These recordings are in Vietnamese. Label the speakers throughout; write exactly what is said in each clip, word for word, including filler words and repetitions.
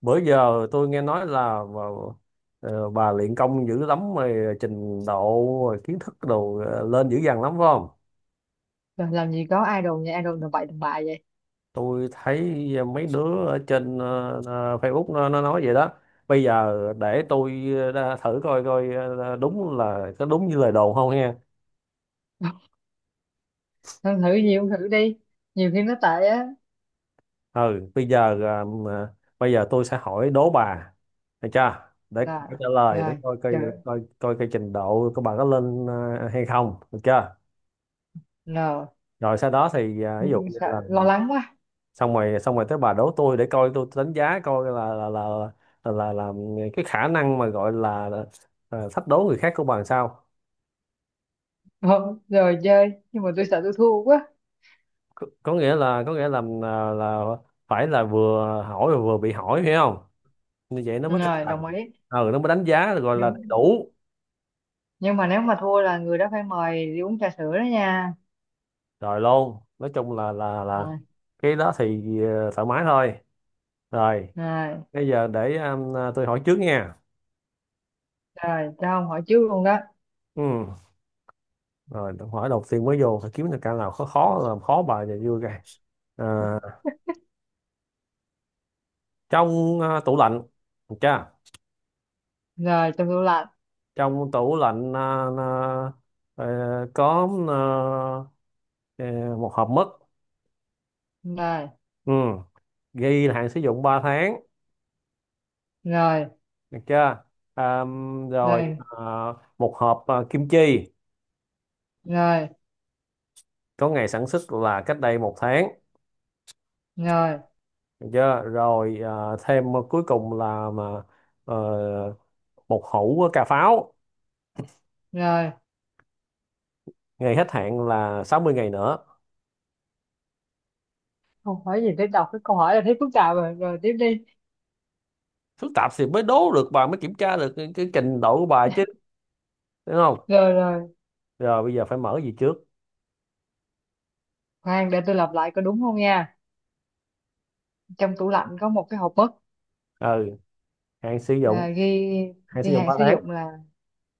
Speaker 1: Bữa giờ tôi nghe nói là bà, ờ, bà luyện công dữ lắm rồi, trình độ rồi kiến thức đồ ờ, lên dữ dằn lắm phải không?
Speaker 2: Rồi làm gì có idol nha, idol là bậy đàn bà vậy.
Speaker 1: Tôi thấy ờ, mấy đứa ở trên ờ, ờ, Facebook nó, nó nói vậy đó. Bây giờ để tôi ờ, thử coi coi ờ, đúng là có đúng như lời đồn không nha.
Speaker 2: Thôi thử gì cũng thử đi. Nhiều khi nó tệ á.
Speaker 1: Ừ, bây giờ ờ, mà- bây giờ tôi sẽ hỏi đố bà, được chưa? để
Speaker 2: Là,
Speaker 1: để trả lời để
Speaker 2: rồi,
Speaker 1: coi coi
Speaker 2: chờ,
Speaker 1: coi coi cái trình độ của bà có lên ờ, hay không, được chưa?
Speaker 2: nờ.
Speaker 1: Rồi sau đó thì à, ví dụ như
Speaker 2: Sợ,
Speaker 1: là
Speaker 2: lo lắng quá.
Speaker 1: xong rồi xong rồi tới bà đố tôi, để coi tôi đánh giá coi là là là là là, là cái khả năng mà gọi là ờ, thách đố người khác của bà làm sao.
Speaker 2: Rồi, rồi chơi. Nhưng mà tôi sợ tôi thua quá.
Speaker 1: Có, có nghĩa là có nghĩa là là, là phải là vừa hỏi và vừa bị hỏi, hiểu không? Như vậy nó mới cân
Speaker 2: Rồi,
Speaker 1: bằng.
Speaker 2: đồng ý.
Speaker 1: Ừ, nó mới đánh giá gọi là đầy
Speaker 2: Nhưng,
Speaker 1: đủ.
Speaker 2: nhưng mà nếu mà thua là người đó phải mời đi uống trà sữa đó nha.
Speaker 1: Rồi luôn, nói chung là là là
Speaker 2: Rồi,
Speaker 1: cái đó thì ờ, thoải mái thôi. Rồi
Speaker 2: rồi,
Speaker 1: bây giờ để um, tôi hỏi trước nha.
Speaker 2: rồi, cho ông hỏi trước luôn đó.
Speaker 1: Ừ. Rồi câu hỏi đầu tiên mới vô phải kiếm được cái nào khó khó, làm khó bà và vui cái. À, Trong à, tủ lạnh, được chưa?
Speaker 2: Rồi, trong tủ lạnh.
Speaker 1: Trong tủ lạnh à, à, ờ, có à, ờ, một hộp mứt.
Speaker 2: Rồi,
Speaker 1: Ừ. Ghi là hạn sử dụng ba tháng,
Speaker 2: rồi,
Speaker 1: được chưa? À, Rồi
Speaker 2: rồi,
Speaker 1: à, một hộp à, kim chi,
Speaker 2: rồi,
Speaker 1: có ngày sản xuất là cách đây một tháng,
Speaker 2: rồi,
Speaker 1: được chưa? Rồi à, thêm cuối cùng là mà ờ, một hũ cà pháo,
Speaker 2: rồi.
Speaker 1: ngày hết hạn là sáu mươi ngày nữa.
Speaker 2: Không hỏi gì tới đọc cái câu hỏi là thấy phức tạp rồi. Rồi, tiếp đi.
Speaker 1: Phức tạp thì mới đố được bà, mới kiểm tra được cái, cái trình độ của bà chứ, đúng.
Speaker 2: Rồi, rồi.
Speaker 1: Rồi bây giờ phải mở gì trước?
Speaker 2: Khoan để tôi lặp lại có đúng không nha. Trong tủ lạnh có một cái hộp mứt
Speaker 1: Ừ, hạn sử dụng,
Speaker 2: à, ghi
Speaker 1: hạn sử
Speaker 2: ghi
Speaker 1: dụng
Speaker 2: hạn
Speaker 1: ba
Speaker 2: sử
Speaker 1: tháng
Speaker 2: dụng là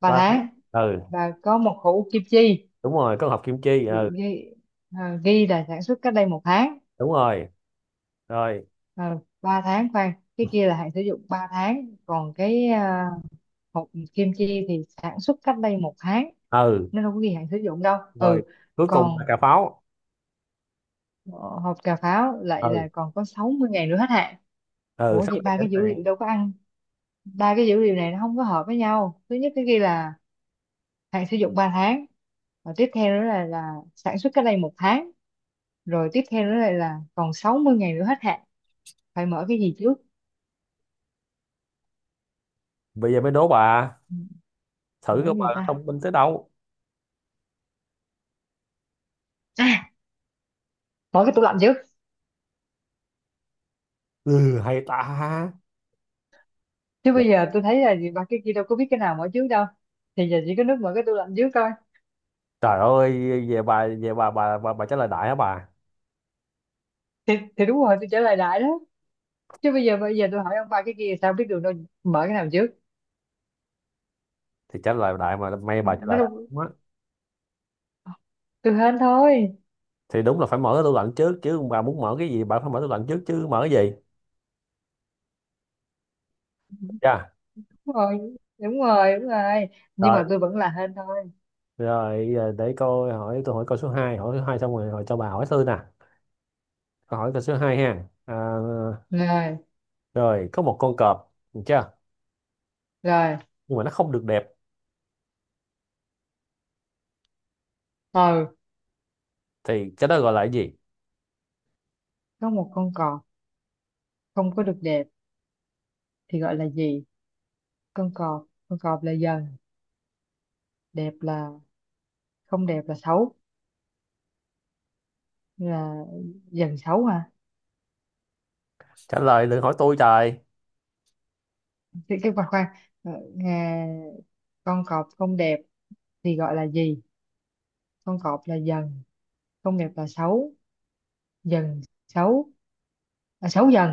Speaker 2: ba
Speaker 1: ba tháng.
Speaker 2: tháng,
Speaker 1: Ừ,
Speaker 2: và có một hũ kim chi,
Speaker 1: đúng rồi, có hộp kim chi.
Speaker 2: ghi,
Speaker 1: Ừ,
Speaker 2: ghi, à, ghi là sản xuất cách đây một tháng.
Speaker 1: đúng rồi. Rồi.
Speaker 2: À, ba tháng, khoan, cái kia là hạn sử dụng ba tháng, còn cái à, hộp kim chi thì sản xuất cách đây một tháng,
Speaker 1: Ừ,
Speaker 2: nó đâu có ghi hạn sử dụng đâu.
Speaker 1: rồi
Speaker 2: Ừ,
Speaker 1: cuối cùng là
Speaker 2: còn
Speaker 1: cà pháo.
Speaker 2: ờ, hộp cà pháo lại
Speaker 1: Ừ.
Speaker 2: là còn có sáu mươi ngày nữa hết hạn.
Speaker 1: Ừ,
Speaker 2: Ủa
Speaker 1: sắp
Speaker 2: vậy
Speaker 1: kẹt
Speaker 2: ba
Speaker 1: đến
Speaker 2: cái dữ
Speaker 1: hạn.
Speaker 2: liệu đâu có ăn, ba cái dữ liệu này nó không có hợp với nhau. Thứ nhất cái ghi là hạn sử dụng ba tháng, và tiếp theo nữa là là sản xuất cách đây một tháng, rồi tiếp theo nữa lại là còn sáu mươi ngày nữa hết hạn. Phải mở cái gì trước?
Speaker 1: Bây giờ mới đố bà,
Speaker 2: Ừ,
Speaker 1: thử
Speaker 2: mở cái
Speaker 1: coi bà
Speaker 2: gì ta?
Speaker 1: thông minh tới đâu.
Speaker 2: À, mở cái tủ lạnh trước,
Speaker 1: Ừ, hay ta.
Speaker 2: chứ
Speaker 1: Dạ.
Speaker 2: bây giờ tôi thấy là gì, ba cái kia đâu có biết cái nào mở trước đâu, thì giờ chỉ có nước mở cái tủ lạnh trước coi.
Speaker 1: Trời ơi, về bà về bà bà bà, bà trả lời đại hả bà?
Speaker 2: Thì, thì đúng rồi, tôi trả lời đại đó, chứ bây giờ bây giờ tôi hỏi ông ba cái kia sao biết được đâu, mở cái nào trước?
Speaker 1: Thì trả lời đại mà, may bà trả
Speaker 2: Nó
Speaker 1: lời đại
Speaker 2: đâu,
Speaker 1: đúng á.
Speaker 2: tôi hên thôi.
Speaker 1: Thì đúng là phải mở cái tủ lạnh trước chứ, bà muốn mở cái gì bà phải mở tủ lạnh trước chứ, mở cái gì. Dạ.
Speaker 2: Đúng rồi, đúng rồi, đúng rồi, nhưng mà
Speaker 1: Rồi.
Speaker 2: tôi vẫn là hên thôi.
Speaker 1: Rồi, giờ để coi, hỏi tôi hỏi câu số hai, hỏi số hai xong rồi, hỏi cho bà, hỏi tôi nè. Câu hỏi câu số hai ha. À,
Speaker 2: Rồi,
Speaker 1: rồi, có một con cọp, được chưa?
Speaker 2: rồi.
Speaker 1: Nhưng mà nó không được đẹp
Speaker 2: Ừ,
Speaker 1: thì cái đó gọi là cái gì?
Speaker 2: có một con cọp không có được đẹp thì gọi là gì? Con cọp con cọp là dần. Đẹp là, không đẹp là xấu, là dần xấu hả?
Speaker 1: Trả lời đừng hỏi tôi trời.
Speaker 2: Cái cái Khoan, khoan. Ờ, nghe- con cọp không đẹp thì gọi là gì? Con cọp là dần, không đẹp là xấu. Dần xấu. À, xấu dần,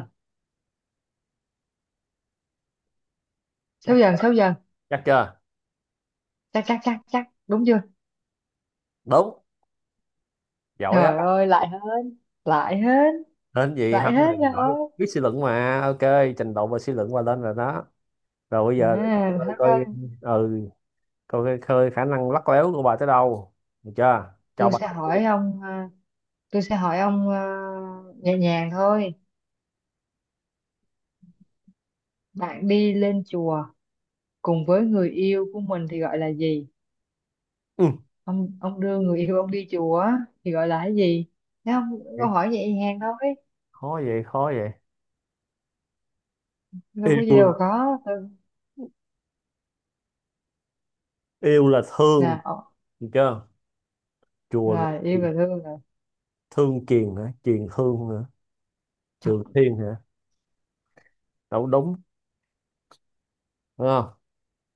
Speaker 2: xấu
Speaker 1: Chắc
Speaker 2: dần, xấu dần.
Speaker 1: chắc chưa?
Speaker 2: Chắc, chắc, chắc, chắc, đúng chưa?
Speaker 1: Đúng. Giỏi á.
Speaker 2: Trời ơi, lại hên, lại hên,
Speaker 1: Nên gì
Speaker 2: lại
Speaker 1: không này
Speaker 2: hên rồi.
Speaker 1: giỏi,
Speaker 2: À,
Speaker 1: biết suy luận mà. Ok, trình độ và suy luận qua lên rồi đó. Rồi bây giờ để cho
Speaker 2: thôi
Speaker 1: tôi
Speaker 2: thôi.
Speaker 1: coi. Ừ, coi coi coi khả năng lắt léo của bà tới đâu. Được chưa? Cho
Speaker 2: Tôi
Speaker 1: bà.
Speaker 2: sẽ hỏi ông, à, tôi sẽ hỏi ông ờ, nhẹ nhàng thôi. Bạn đi lên chùa cùng với người yêu của mình thì gọi là gì?
Speaker 1: Ừ.
Speaker 2: Ông ông đưa người yêu ông đi chùa á, thì gọi là cái gì? Thấy không?
Speaker 1: Vậy,
Speaker 2: Câu hỏi nhẹ nhàng thôi.
Speaker 1: khó vậy, khó vậy.
Speaker 2: Đâu có gì
Speaker 1: Yêu
Speaker 2: đâu
Speaker 1: là
Speaker 2: khó. Ừ.
Speaker 1: yêu là thương,
Speaker 2: Là ờ,
Speaker 1: được chưa? Chùa là
Speaker 2: là yêu
Speaker 1: Kiền-,
Speaker 2: và thương là
Speaker 1: Thương Kiền hả? Kiền Thương hả? Trường Thiên hả? Đâu đúng. Đúng không?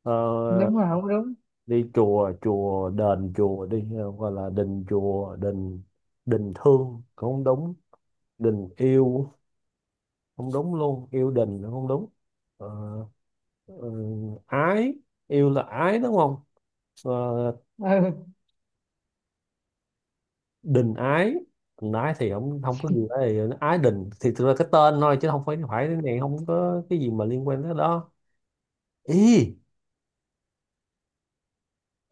Speaker 1: Ờ,
Speaker 2: đúng, là không đúng.
Speaker 1: đi chùa, chùa, đền chùa đi. ờ, Gọi là đình chùa, đình đình thương. Không đúng. Đình yêu. Không đúng luôn. Yêu đình là không đúng. Ờ, ờ, Ái. Yêu là ái đúng không? Ờ,
Speaker 2: Ừ.
Speaker 1: Đình ái. Đình ái thì không không có gì ấy. Ái đình thì thực ra cái tên thôi chứ không phải phải cái này không có cái gì mà liên quan tới đó. Ý.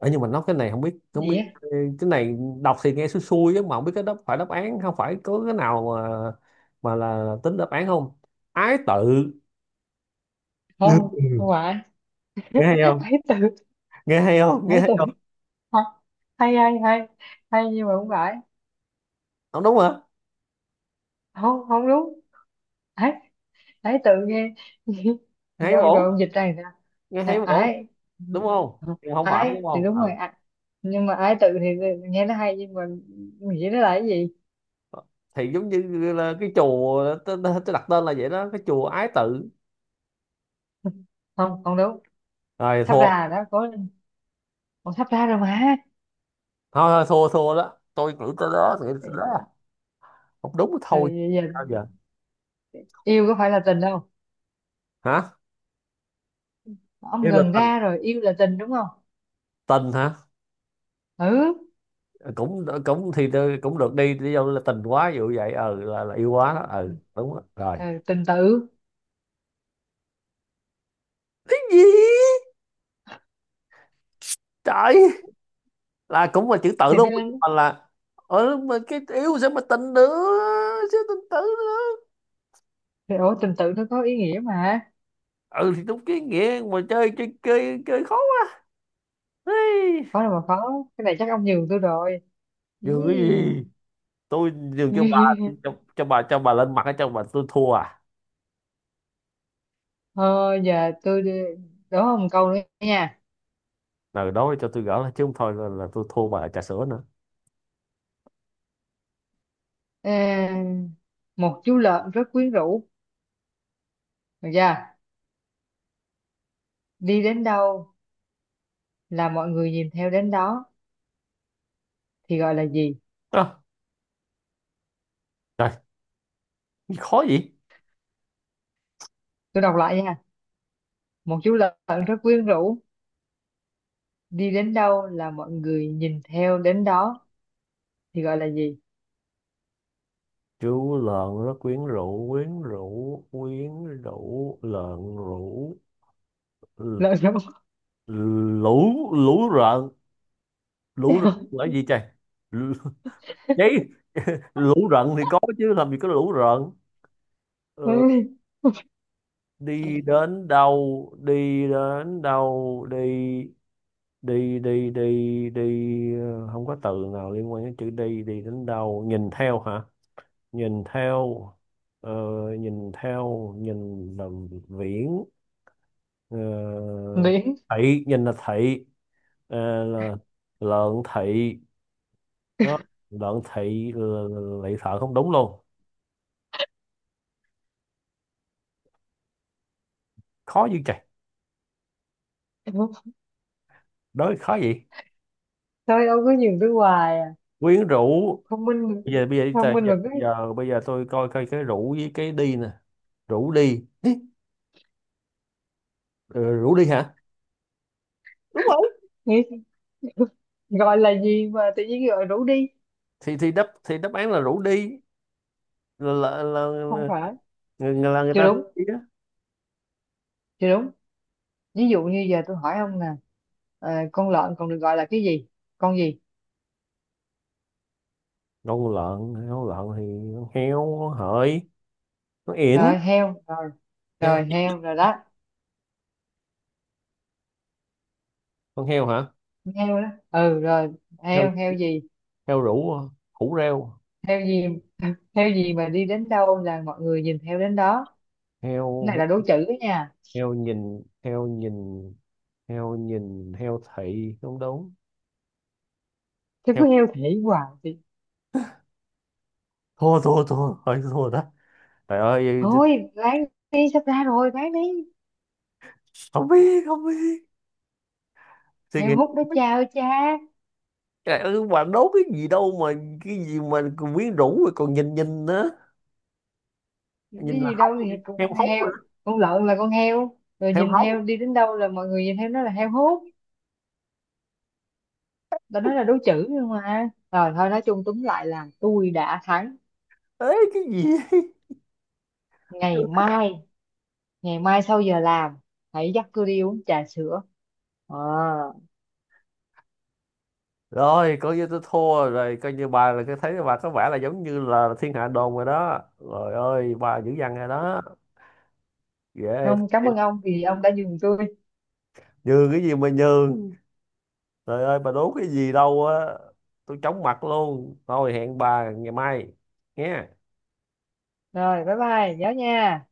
Speaker 1: Ờ, nhưng mà nó cái này không biết không
Speaker 2: Gì
Speaker 1: biết
Speaker 2: á?
Speaker 1: cái này đọc thì nghe xui xui chứ mà không biết cái đó phải đáp án không, phải có cái nào mà mà là tính đáp án không? Ái tự.
Speaker 2: Không, không
Speaker 1: Ừ.
Speaker 2: phải.
Speaker 1: nghe hay không nghe hay không nghe
Speaker 2: Hãy
Speaker 1: hay
Speaker 2: từ,
Speaker 1: không?
Speaker 2: hãy từ. Hay, hay, hay, hay, nhưng mà không phải.
Speaker 1: Không đúng hả?
Speaker 2: Không, không đúng. Ấy tự nghe.
Speaker 1: Hay
Speaker 2: Dạ, rồi
Speaker 1: bổ,
Speaker 2: ông dịch ra người
Speaker 1: nghe hay
Speaker 2: à,
Speaker 1: bổ,
Speaker 2: ái.
Speaker 1: đúng
Speaker 2: Ừ,
Speaker 1: không? Nhưng không phải
Speaker 2: ái
Speaker 1: đúng
Speaker 2: thì
Speaker 1: không?
Speaker 2: đúng rồi
Speaker 1: Ờ.
Speaker 2: à, nhưng mà ái tự thì nghe nó hay, nhưng mà nghĩ nó là cái gì?
Speaker 1: Thì giống như là cái chùa tôi, tôi tôi đặt tên là vậy đó, cái chùa ái tự.
Speaker 2: Không, không đúng.
Speaker 1: Rồi
Speaker 2: Sắp
Speaker 1: thua.
Speaker 2: ra rồi đó, có còn sắp ra rồi mà.
Speaker 1: Thôi thôi, thua thua đó, tôi nghĩ tới đó nghĩ tới đó không đúng thì thôi.
Speaker 2: Rồi giờ,
Speaker 1: Sao giờ?
Speaker 2: yêu có phải là tình đâu,
Speaker 1: Hả?
Speaker 2: ông
Speaker 1: Yêu là
Speaker 2: gần
Speaker 1: tình,
Speaker 2: ra rồi, yêu là tình đúng không?
Speaker 1: tình hả?
Speaker 2: Ừ,
Speaker 1: Cũng cũng thì tôi cũng được đi, đi đâu là tình quá ví dụ vậy, ừ, là, là yêu quá đó, ừ, đúng đó. Rồi.
Speaker 2: ừ, tình tự.
Speaker 1: Cái gì? Trời, là cũng là chữ tự
Speaker 2: Thì
Speaker 1: luôn
Speaker 2: tôi đang,
Speaker 1: mà là, ừ, mà cái yêu sẽ mà tình nữa, sao tình tự nữa?
Speaker 2: thì ủa tình tự nó có ý nghĩa mà.
Speaker 1: Ừ, thì đúng cái nghĩa mà, chơi chơi chơi chơi khó quá. Ê,
Speaker 2: Khó đâu mà khó, cái này chắc ông nhường tôi rồi. Ý.
Speaker 1: dường cái gì, tôi dường cho bà, cho, cho bà cho bà lên mặt cho bà, tôi thua à?
Speaker 2: Thôi giờ tôi đi- Đố ông câu nữa nha.
Speaker 1: Ừ đó, cho tôi gỡ lại chứ không thôi là, là tôi thua bà trà sữa nữa.
Speaker 2: Ờ, một chú lợn rất quyến rũ, được chưa? Đi đến đâu là mọi người nhìn theo đến đó thì gọi là gì?
Speaker 1: à, Trời, khó gì.
Speaker 2: Tôi đọc lại nha. Một chú lợn rất quyến rũ, đi đến đâu là mọi người nhìn theo đến đó thì gọi là gì?
Speaker 1: Chú lợn rất quyến rũ, quyến rũ, quyến rũ, lợn rũ, l-
Speaker 2: Lợn giống.
Speaker 1: lũ, lũ rợn, lũ rợn là gì trời? L- Đấy, lũ rợn thì có chứ làm gì có lũ rợn. Ờ, đi đến đâu, đi đến đâu, đi, đi, đi, đi, đi, ờ, không có từ nào liên quan đến chữ đi, đi đến đâu, nhìn theo hả? Nhìn theo, ờ, nhìn theo, nhìn làm viễn, ờ,
Speaker 2: Miễn.
Speaker 1: thị, nhìn là thị, ờ, là lợn thị đó, lợn thị là- là- lại thợ không đúng luôn. Khó dữ trời, đối khó gì,
Speaker 2: Thôi ông cứ nhìn tôi hoài à.
Speaker 1: quyến rũ.
Speaker 2: Thông minh,
Speaker 1: Bây giờ bây giờ bây
Speaker 2: thông minh
Speaker 1: giờ
Speaker 2: mà cứ
Speaker 1: bây giờ, bây giờ tôi coi coi cái rủ với cái đi nè. Rủ đi. Ý, ờ, rủ đi hả, đúng rồi.
Speaker 2: nghĩ. Gọi là gì mà tự nhiên gọi rủ đi.
Speaker 1: Thì thì đáp thì đáp án là rủ đi, là là, là, là,
Speaker 2: Không
Speaker 1: người-
Speaker 2: phải.
Speaker 1: người- là người
Speaker 2: Chưa
Speaker 1: ta rủ
Speaker 2: đúng,
Speaker 1: đi á.
Speaker 2: chưa đúng. Ví dụ như giờ tôi hỏi ông nè, ờ, con lợn còn được gọi là cái gì, con gì?
Speaker 1: Con lợn, con lợn thì con heo, con hợi, con yển,
Speaker 2: Rồi heo,
Speaker 1: heo,
Speaker 2: rồi heo rồi đó,
Speaker 1: con heo hả?
Speaker 2: heo đó. Ừ, rồi heo, heo gì,
Speaker 1: Heo rủ hả? Hủ rêu,
Speaker 2: heo gì? Heo gì mà đi đến đâu là mọi người nhìn theo đến đó? Cái
Speaker 1: heo,
Speaker 2: này
Speaker 1: heo,
Speaker 2: là đố chữ đó nha,
Speaker 1: heo nhìn, heo nhìn, heo nhìn heo thị không đúng,
Speaker 2: chứ cứ
Speaker 1: heo.
Speaker 2: heo thể hoài thì
Speaker 1: Thua thua thua, thôi thua đó trời ơi.
Speaker 2: thôi, bán đi, sắp ra rồi, bán đi.
Speaker 1: Không biết không biết, suy
Speaker 2: Heo
Speaker 1: nghĩ.
Speaker 2: hút đó cha ơi cha,
Speaker 1: Trời ơi, bạn đố cái gì đâu mà, cái gì mà còn quyến rũ rồi còn nhìn nhìn nữa.
Speaker 2: cái
Speaker 1: Nhìn là
Speaker 2: gì đâu
Speaker 1: hóng.
Speaker 2: thì cũng
Speaker 1: Heo
Speaker 2: con
Speaker 1: hóng rồi
Speaker 2: heo.
Speaker 1: đó.
Speaker 2: Con lợn là con heo, rồi
Speaker 1: Heo
Speaker 2: nhìn
Speaker 1: hóng.
Speaker 2: theo, đi đến đâu là mọi người nhìn theo, nó là heo hút. Tao nói là đố chữ, nhưng mà rồi thôi, nói chung túm lại là tôi đã thắng.
Speaker 1: Ấy cái gì.
Speaker 2: Ngày mai, ngày mai sau giờ làm, hãy dắt tôi đi uống trà sữa. Ờ,
Speaker 1: Rồi coi như tôi thua rồi, coi như bà là cái, thấy bà có vẻ là giống như là thiên hạ đồn rồi đó rồi, ơi bà dữ dằn rồi đó, ghê
Speaker 2: ông cảm
Speaker 1: thiệt.
Speaker 2: ơn ông vì ông đã nhường tôi.
Speaker 1: Nhường cái gì mà nhường, trời ơi bà đố cái gì đâu á, tôi chóng mặt luôn. Thôi hẹn bà ngày mai nghe.
Speaker 2: Rồi, bye bye nhớ nha.